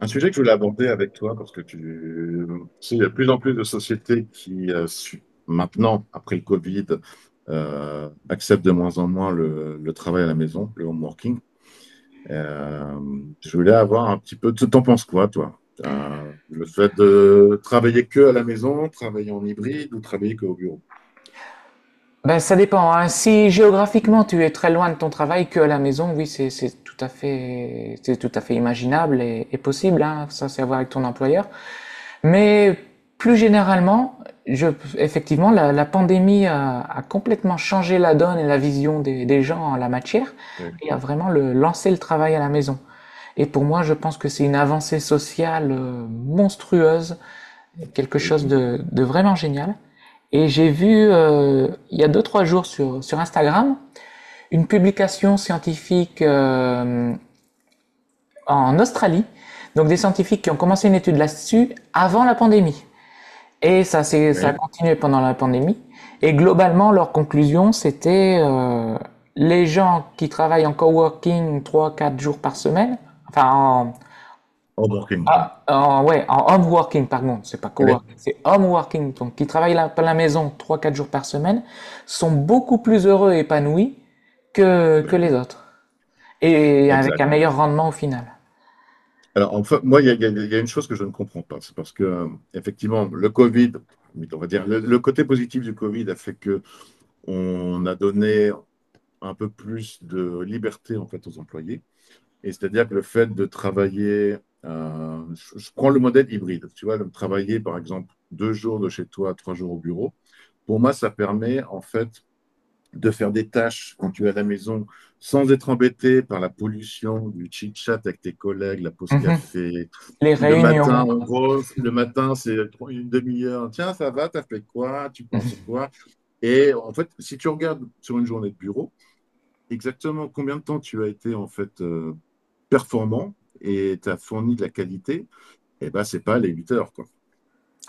Un sujet que je voulais aborder avec toi, parce que tu sais, il y a de plus en plus de sociétés qui, maintenant, après le Covid, acceptent de moins en moins le travail à la maison, le home working. Euh, je voulais avoir un petit peu, tu t'en penses quoi, toi? Le fait de travailler que à la maison, travailler en hybride ou travailler que au bureau? Ben, ça dépend, hein. Si géographiquement tu es très loin de ton travail que à la maison, oui, c'est tout à fait imaginable et possible, hein. Ça, c'est à voir avec ton employeur. Mais plus généralement, je, effectivement, la pandémie a complètement changé la donne et la vision des gens en la matière Oui, et a vraiment lancé le travail à la maison. Et pour moi, je pense que c'est une avancée sociale monstrueuse, quelque oui, chose de vraiment génial. Et j'ai vu il y a deux trois jours sur sur Instagram une publication scientifique, en Australie, donc des scientifiques qui ont commencé une étude là-dessus avant la pandémie. Et ça c'est ça a oui. continué pendant la pandémie. Et globalement leur conclusion c'était, les gens qui travaillent en coworking trois quatre jours par semaine, enfin en, Home working. ah, en, ouais, en home working, par contre, c'est pas Oui, coworking, c'est home working, donc qui travaillent à la maison trois quatre jours par semaine, sont beaucoup plus heureux et épanouis que oui, les autres. Et avec exact. un meilleur rendement au final. Alors, enfin, moi, il y a une chose que je ne comprends pas. C'est parce que, effectivement, le Covid, on va dire, le côté positif du Covid a fait que on a donné un peu plus de liberté, en fait, aux employés. Et c'est-à-dire que le fait de travailler, je prends le modèle hybride, tu vois, de travailler, par exemple, 2 jours de chez toi, 3 jours au bureau. Pour moi, ça permet, en fait, de faire des tâches quand tu es à la maison sans être embêté par la pollution du chit-chat avec tes collègues, la pause Mhm. café. Les Le matin, réunions, en gros, le matin, c'est une demi-heure. Tiens, ça va, t'as fait quoi? Tu penses quoi? Et en fait, si tu regardes sur une journée de bureau, exactement combien de temps tu as été en fait performant et tu as fourni de la qualité, eh ben, c'est pas les 8 heures, quoi.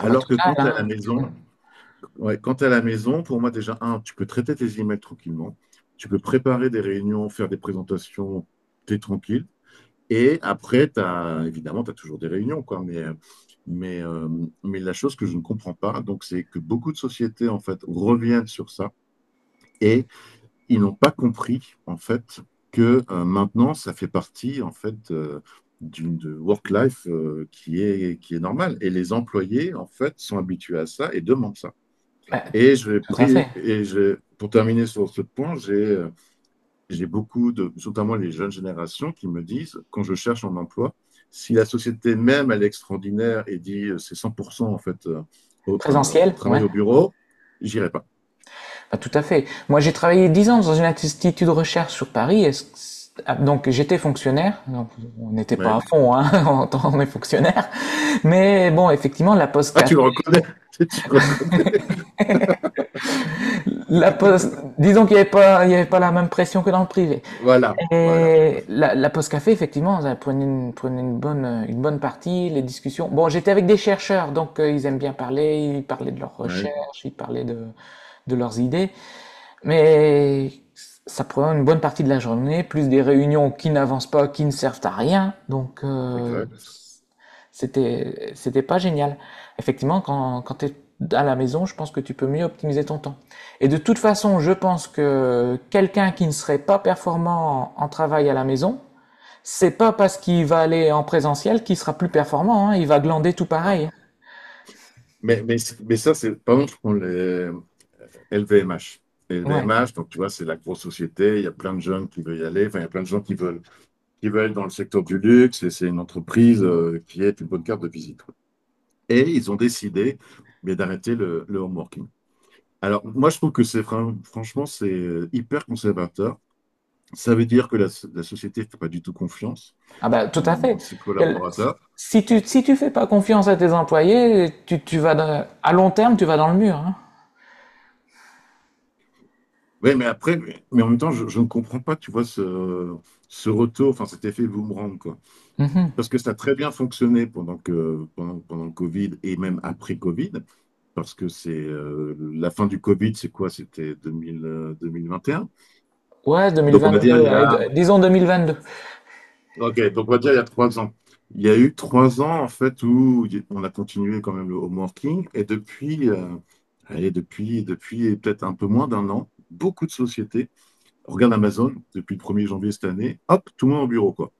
ah bah tout que quand tu es à la hein. maison, ouais, quand tu à la maison, pour moi, déjà, un, tu peux traiter tes emails tranquillement. Tu peux préparer des réunions, faire des présentations, tu es tranquille. Et après, t'as, évidemment, tu as toujours des réunions, quoi, mais, euh, mais la chose que je ne comprends pas, donc, c'est que beaucoup de sociétés, en fait, reviennent sur ça et ils n'ont pas compris, en fait, que maintenant, ça fait partie, en fait, d'une de work-life qui est normale. Et les employés, en fait, sont habitués à ça et demandent ça. Bah, Et je l'ai tout à fait. pris, et je, pour terminer sur ce point, j'ai beaucoup de, notamment les jeunes générations, qui me disent, quand je cherche un emploi, si la société même, elle est extraordinaire et dit c'est 100% en fait Présentiel, ouais, travail au bureau, j'irai pas. bah tout à fait. Moi, j'ai travaillé 10 ans dans une institut de recherche sur Paris, et c- c- ah, donc j'étais fonctionnaire, donc on n'était pas Ouais. à fond, hein, en tant- on est fonctionnaire, mais bon, effectivement, la pause Ah, tu café, le reconnais, tu le reconnais. la pause, disons qu'il n'y avait pas, il y avait pas la même pression que dans le privé. Voilà, voilà. Et la pause café, effectivement, ça prenait une bonne partie, les discussions. Bon, j'étais avec des chercheurs, donc ils aiment bien parler, ils parlaient de leurs Ouais, recherches, ils parlaient de leurs idées, mais ça prend une bonne partie de la journée, plus des réunions qui n'avancent pas, qui ne servent à rien. Donc, exact. c'était, c'était pas génial. Effectivement, quand, quand tu es à la maison, je pense que tu peux mieux optimiser ton temps. Et de toute façon, je pense que quelqu'un qui ne serait pas performant en, en travail à la maison, c'est pas parce qu'il va aller en présentiel qu'il sera plus performant, hein. Il va glander tout Non. pareil. Mais, mais, mais ça, c'est, pardon, je prends les LVMH. Les Ouais. LVMH, donc tu vois, c'est la grosse société, il y a plein de jeunes qui veulent y aller, enfin, il y a plein de gens qui veulent dans le secteur du luxe, et c'est une entreprise qui est une bonne carte de visite. Et ils ont décidé mais d'arrêter le home working. Alors, moi, je trouve que c'est franchement, c'est hyper conservateur. Ça veut dire que la société ne fait pas du tout confiance Ah bah, tout à en fait. ses Et le- collaborateurs. si tu, si tu fais pas confiance à tes employés, tu vas dans- à long terme, tu vas dans le mur, hein. Oui, mais après, mais en même temps, je ne comprends pas, tu vois, ce retour, enfin cet effet boomerang, quoi. Mhm. Parce que ça a très bien fonctionné pendant le Covid et même après Covid. Parce que c'est la fin du Covid, c'est quoi? C'était 2000, 2021. Ouais, Donc on va dire 2022, il y ouais, a, d- disons 2022. ok, donc on va dire il y a 3 ans. Il y a eu 3 ans en fait où on a continué quand même le homeworking et depuis, allez, depuis peut-être un peu moins d'un an, beaucoup de sociétés, regarde Amazon, depuis le 1er janvier cette année, hop, tout le monde au bureau quoi.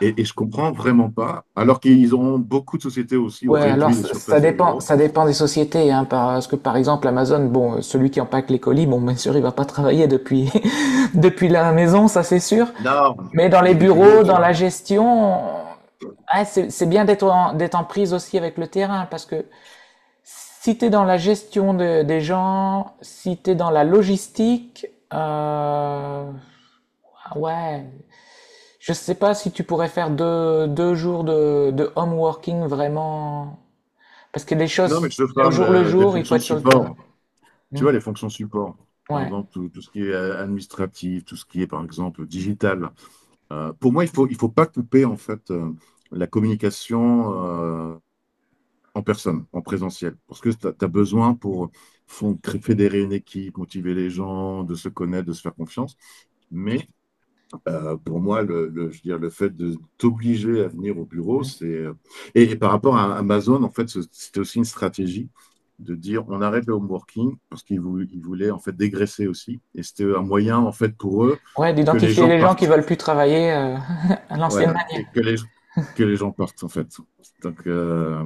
Et je comprends vraiment pas, alors qu'ils ont beaucoup de sociétés aussi ont Ouais, alors réduit les ça surfaces des dépend, bureaux. ça dépend des sociétés, hein, parce que par exemple Amazon, bon, celui qui empaque les colis, bon, bien sûr, il va pas travailler depuis depuis la maison, ça c'est sûr. Non, Mais dans les mais des bureaux, bureaux, tu dans la vois. gestion, ah, c'est bien d'être en, d'être en prise aussi avec le terrain, parce que si t'es dans la gestion de- des gens, si t'es dans la logistique, euh, ah ouais, je sais pas si tu pourrais faire deux jours de home working vraiment. Parce que les Non, choses, mais je te c'est au parle jour le des jour, il faut fonctions être sur le terrain. support. Tu vois, les fonctions support, par Ouais. exemple, tout ce qui est administratif, tout ce qui est, par exemple, digital. Pour moi, il faut pas couper, en fait, la communication euh, en personne, en présentiel, parce que tu as, besoin pour fédérer une équipe, motiver les gens, de se connaître, de se faire confiance. Mais pour moi, je veux dire, le fait de t'obliger à venir au bureau, c'est. Et par rapport à Amazon, en fait, c'était aussi une stratégie de dire on arrête le home working parce qu'ils vou- ils voulaient en fait dégraisser aussi. Et c'était un moyen, en fait, pour eux Ouais, que les d'identifier gens les gens qui partent. veulent plus travailler à l'ancienne Voilà, manière. et que les gens partent, en fait. Donc,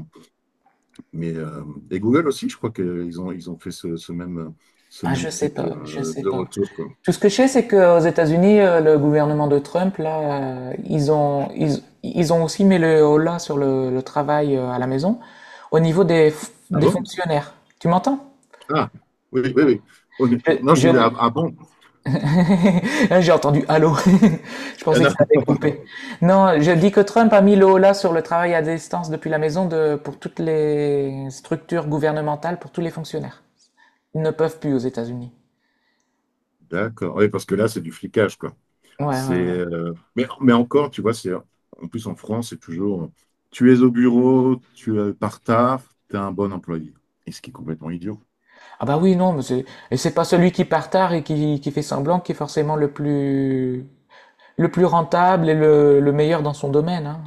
mais, et Google aussi, je crois qu'ils ont fait ce, ce même, ce Ah, je même sais type pas, je sais de pas. retour, quoi. Tout ce que je sais, c'est qu'aux États-Unis, le gouvernement de Trump, là, ils ont, ils ont aussi mis le holà sur le travail à la maison au niveau des, f- Ah des bon? fonctionnaires. Tu m'entends? Ah, oui, oui, oui. Oh, Je, Non, je disais, je, ah, ah bon? J'ai entendu allô. Je Ah, pensais que non. ça avait coupé. Non, je dis que Trump a mis le holà sur le travail à distance depuis la maison de, pour toutes les structures gouvernementales, pour tous les fonctionnaires. Ils ne peuvent plus aux États-Unis. D'accord. Oui, parce que là, c'est du flicage, quoi. Ouais, ouais, C'est, ouais. euh, mais, mais encore, tu vois, c'est en plus en France, c'est toujours tu es au bureau, tu es par tard, tu es un bon employé. Et ce qui est complètement idiot. Ah bah oui, non, mais c'est, et c'est pas celui qui part tard et qui fait semblant qui est forcément le plus rentable et le meilleur dans son domaine, hein.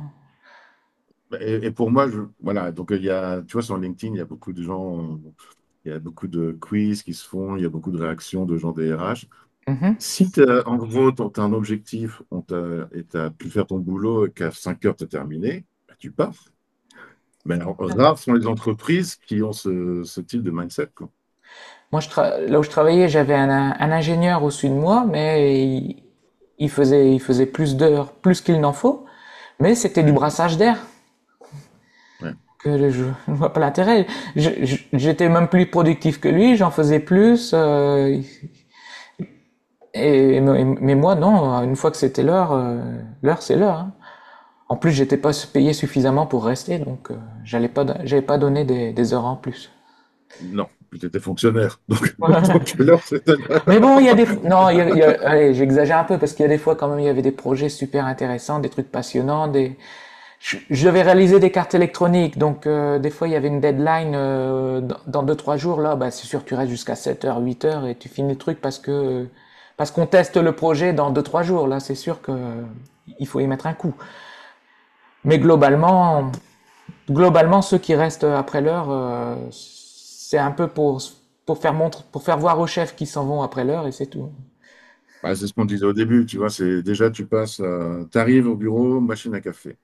Et pour moi, voilà, donc il y a, tu vois, sur LinkedIn, il y a beaucoup de gens, il y a beaucoup de quiz qui se font, il y a beaucoup de réactions de gens des RH. Mhm. Si t'as- En gros, tu as un objectif et tu pu faire ton boulot et qu'à 5 heures, tu terminé, bah, tu pars. Mais alors, rares sont les entreprises qui ont ce type de mindset, quoi. Moi, je tra- là où je travaillais, j'avais un ingénieur au-dessus de moi, mais il faisait plus d'heures, plus qu'il n'en faut. Mais c'était du Oui, brassage d'air. ouais. Que je ne vois pas l'intérêt. Je- j'étais même plus productif que lui, j'en faisais plus. Et, mais moi, non. Une fois que c'était l'heure, l'heure, c'est l'heure, hein. En plus, j'étais pas payé suffisamment pour rester, donc j'allais pas, don- j'avais pas donné des heures en plus. Non, tu étais fonctionnaire. Donc, donc l'heure, c'était l'heure. Mais bon, il y a des... Non, il y a- allez, j'exagère un peu parce qu'il y a des fois quand même, il y avait des projets super intéressants, des trucs passionnants, des... je devais réaliser des cartes électroniques, donc des fois il y avait une deadline dans, dans deux, trois jours, là, bah, c'est sûr, tu restes jusqu'à 7 heures, 8 heures et tu finis le truc parce que... Parce qu'on teste le projet dans deux, trois jours, là, c'est sûr que il faut y mettre un coup. Mais Ouais. globalement, globalement, ceux qui restent après l'heure, c'est un peu pour faire montre, pour faire voir aux chefs qu'ils s'en vont après l'heure et c'est tout. Bah, c'est ce qu'on disait au début, tu vois, c'est déjà tu passes, tu arrives au bureau, machine à café.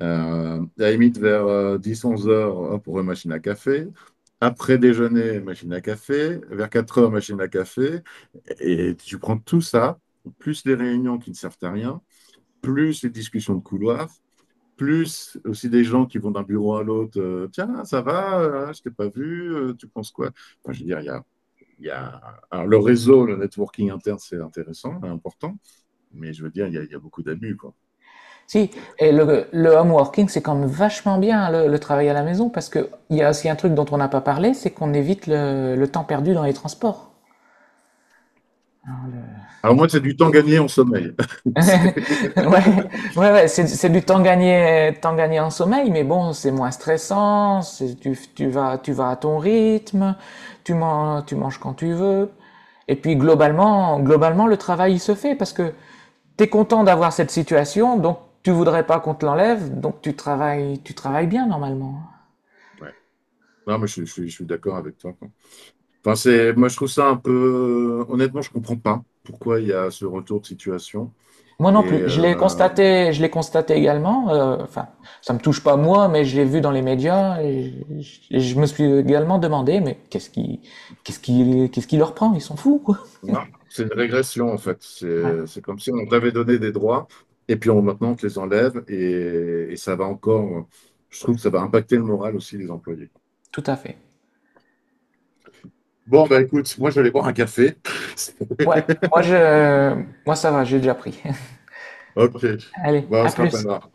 À la limite, vers 10-11 heures, hop, on machine à café. Après déjeuner, machine à café. Vers 4 heures, machine à café. Et tu prends tout ça, plus les réunions qui ne servent à rien, plus les discussions de couloir, plus aussi des gens qui vont d'un bureau à l'autre. Tiens, ça va, je t'ai pas vu, tu penses quoi? Enfin, je veux dire, il y a- Alors, le réseau, le networking interne, c'est intéressant, important, mais je veux dire, il y a beaucoup d'abus, quoi. Si, et le home working, c'est quand même vachement bien hein, le travail à la maison parce que il y a aussi un truc dont on n'a pas parlé, c'est qu'on évite le temps perdu dans les transports. Hein, le- Alors, moi, c'est du temps gagné en sommeil. Ouais, ouais, ouais, c'est du temps gagné en sommeil, mais bon, c'est moins stressant, c'est- tu, tu vas à ton rythme, tu manges quand tu veux. Et puis globalement, globalement, le travail il se fait parce que t'es content d'avoir cette situation, donc tu voudrais pas qu'on te l'enlève, donc tu travailles bien normalement. Non, mais je suis d'accord avec toi, quoi. Enfin, c'est, moi, je trouve ça un peu. Honnêtement, je comprends pas pourquoi il y a ce retour de situation. Moi non Et plus. Je l'ai constaté également. Enfin, ça me touche pas moi, mais je l'ai vu dans les médias et je me suis également demandé, mais qu'est-ce qui, qu'est-ce qui, qu'est-ce qui leur prend? Ils sont fous, quoi. non, c'est une régression, en fait. Ouais, C'est comme si on t'avait donné des droits, et puis on, maintenant, on te les enlève, et ça va encore. Je trouve que ça va impacter le moral aussi des employés. tout à fait. Bon, bah écoute, moi, je vais aller boire un café. Ouais, moi je, moi ça va, j'ai déjà pris. Ok, Allez, bah, on à se plus. rappellera.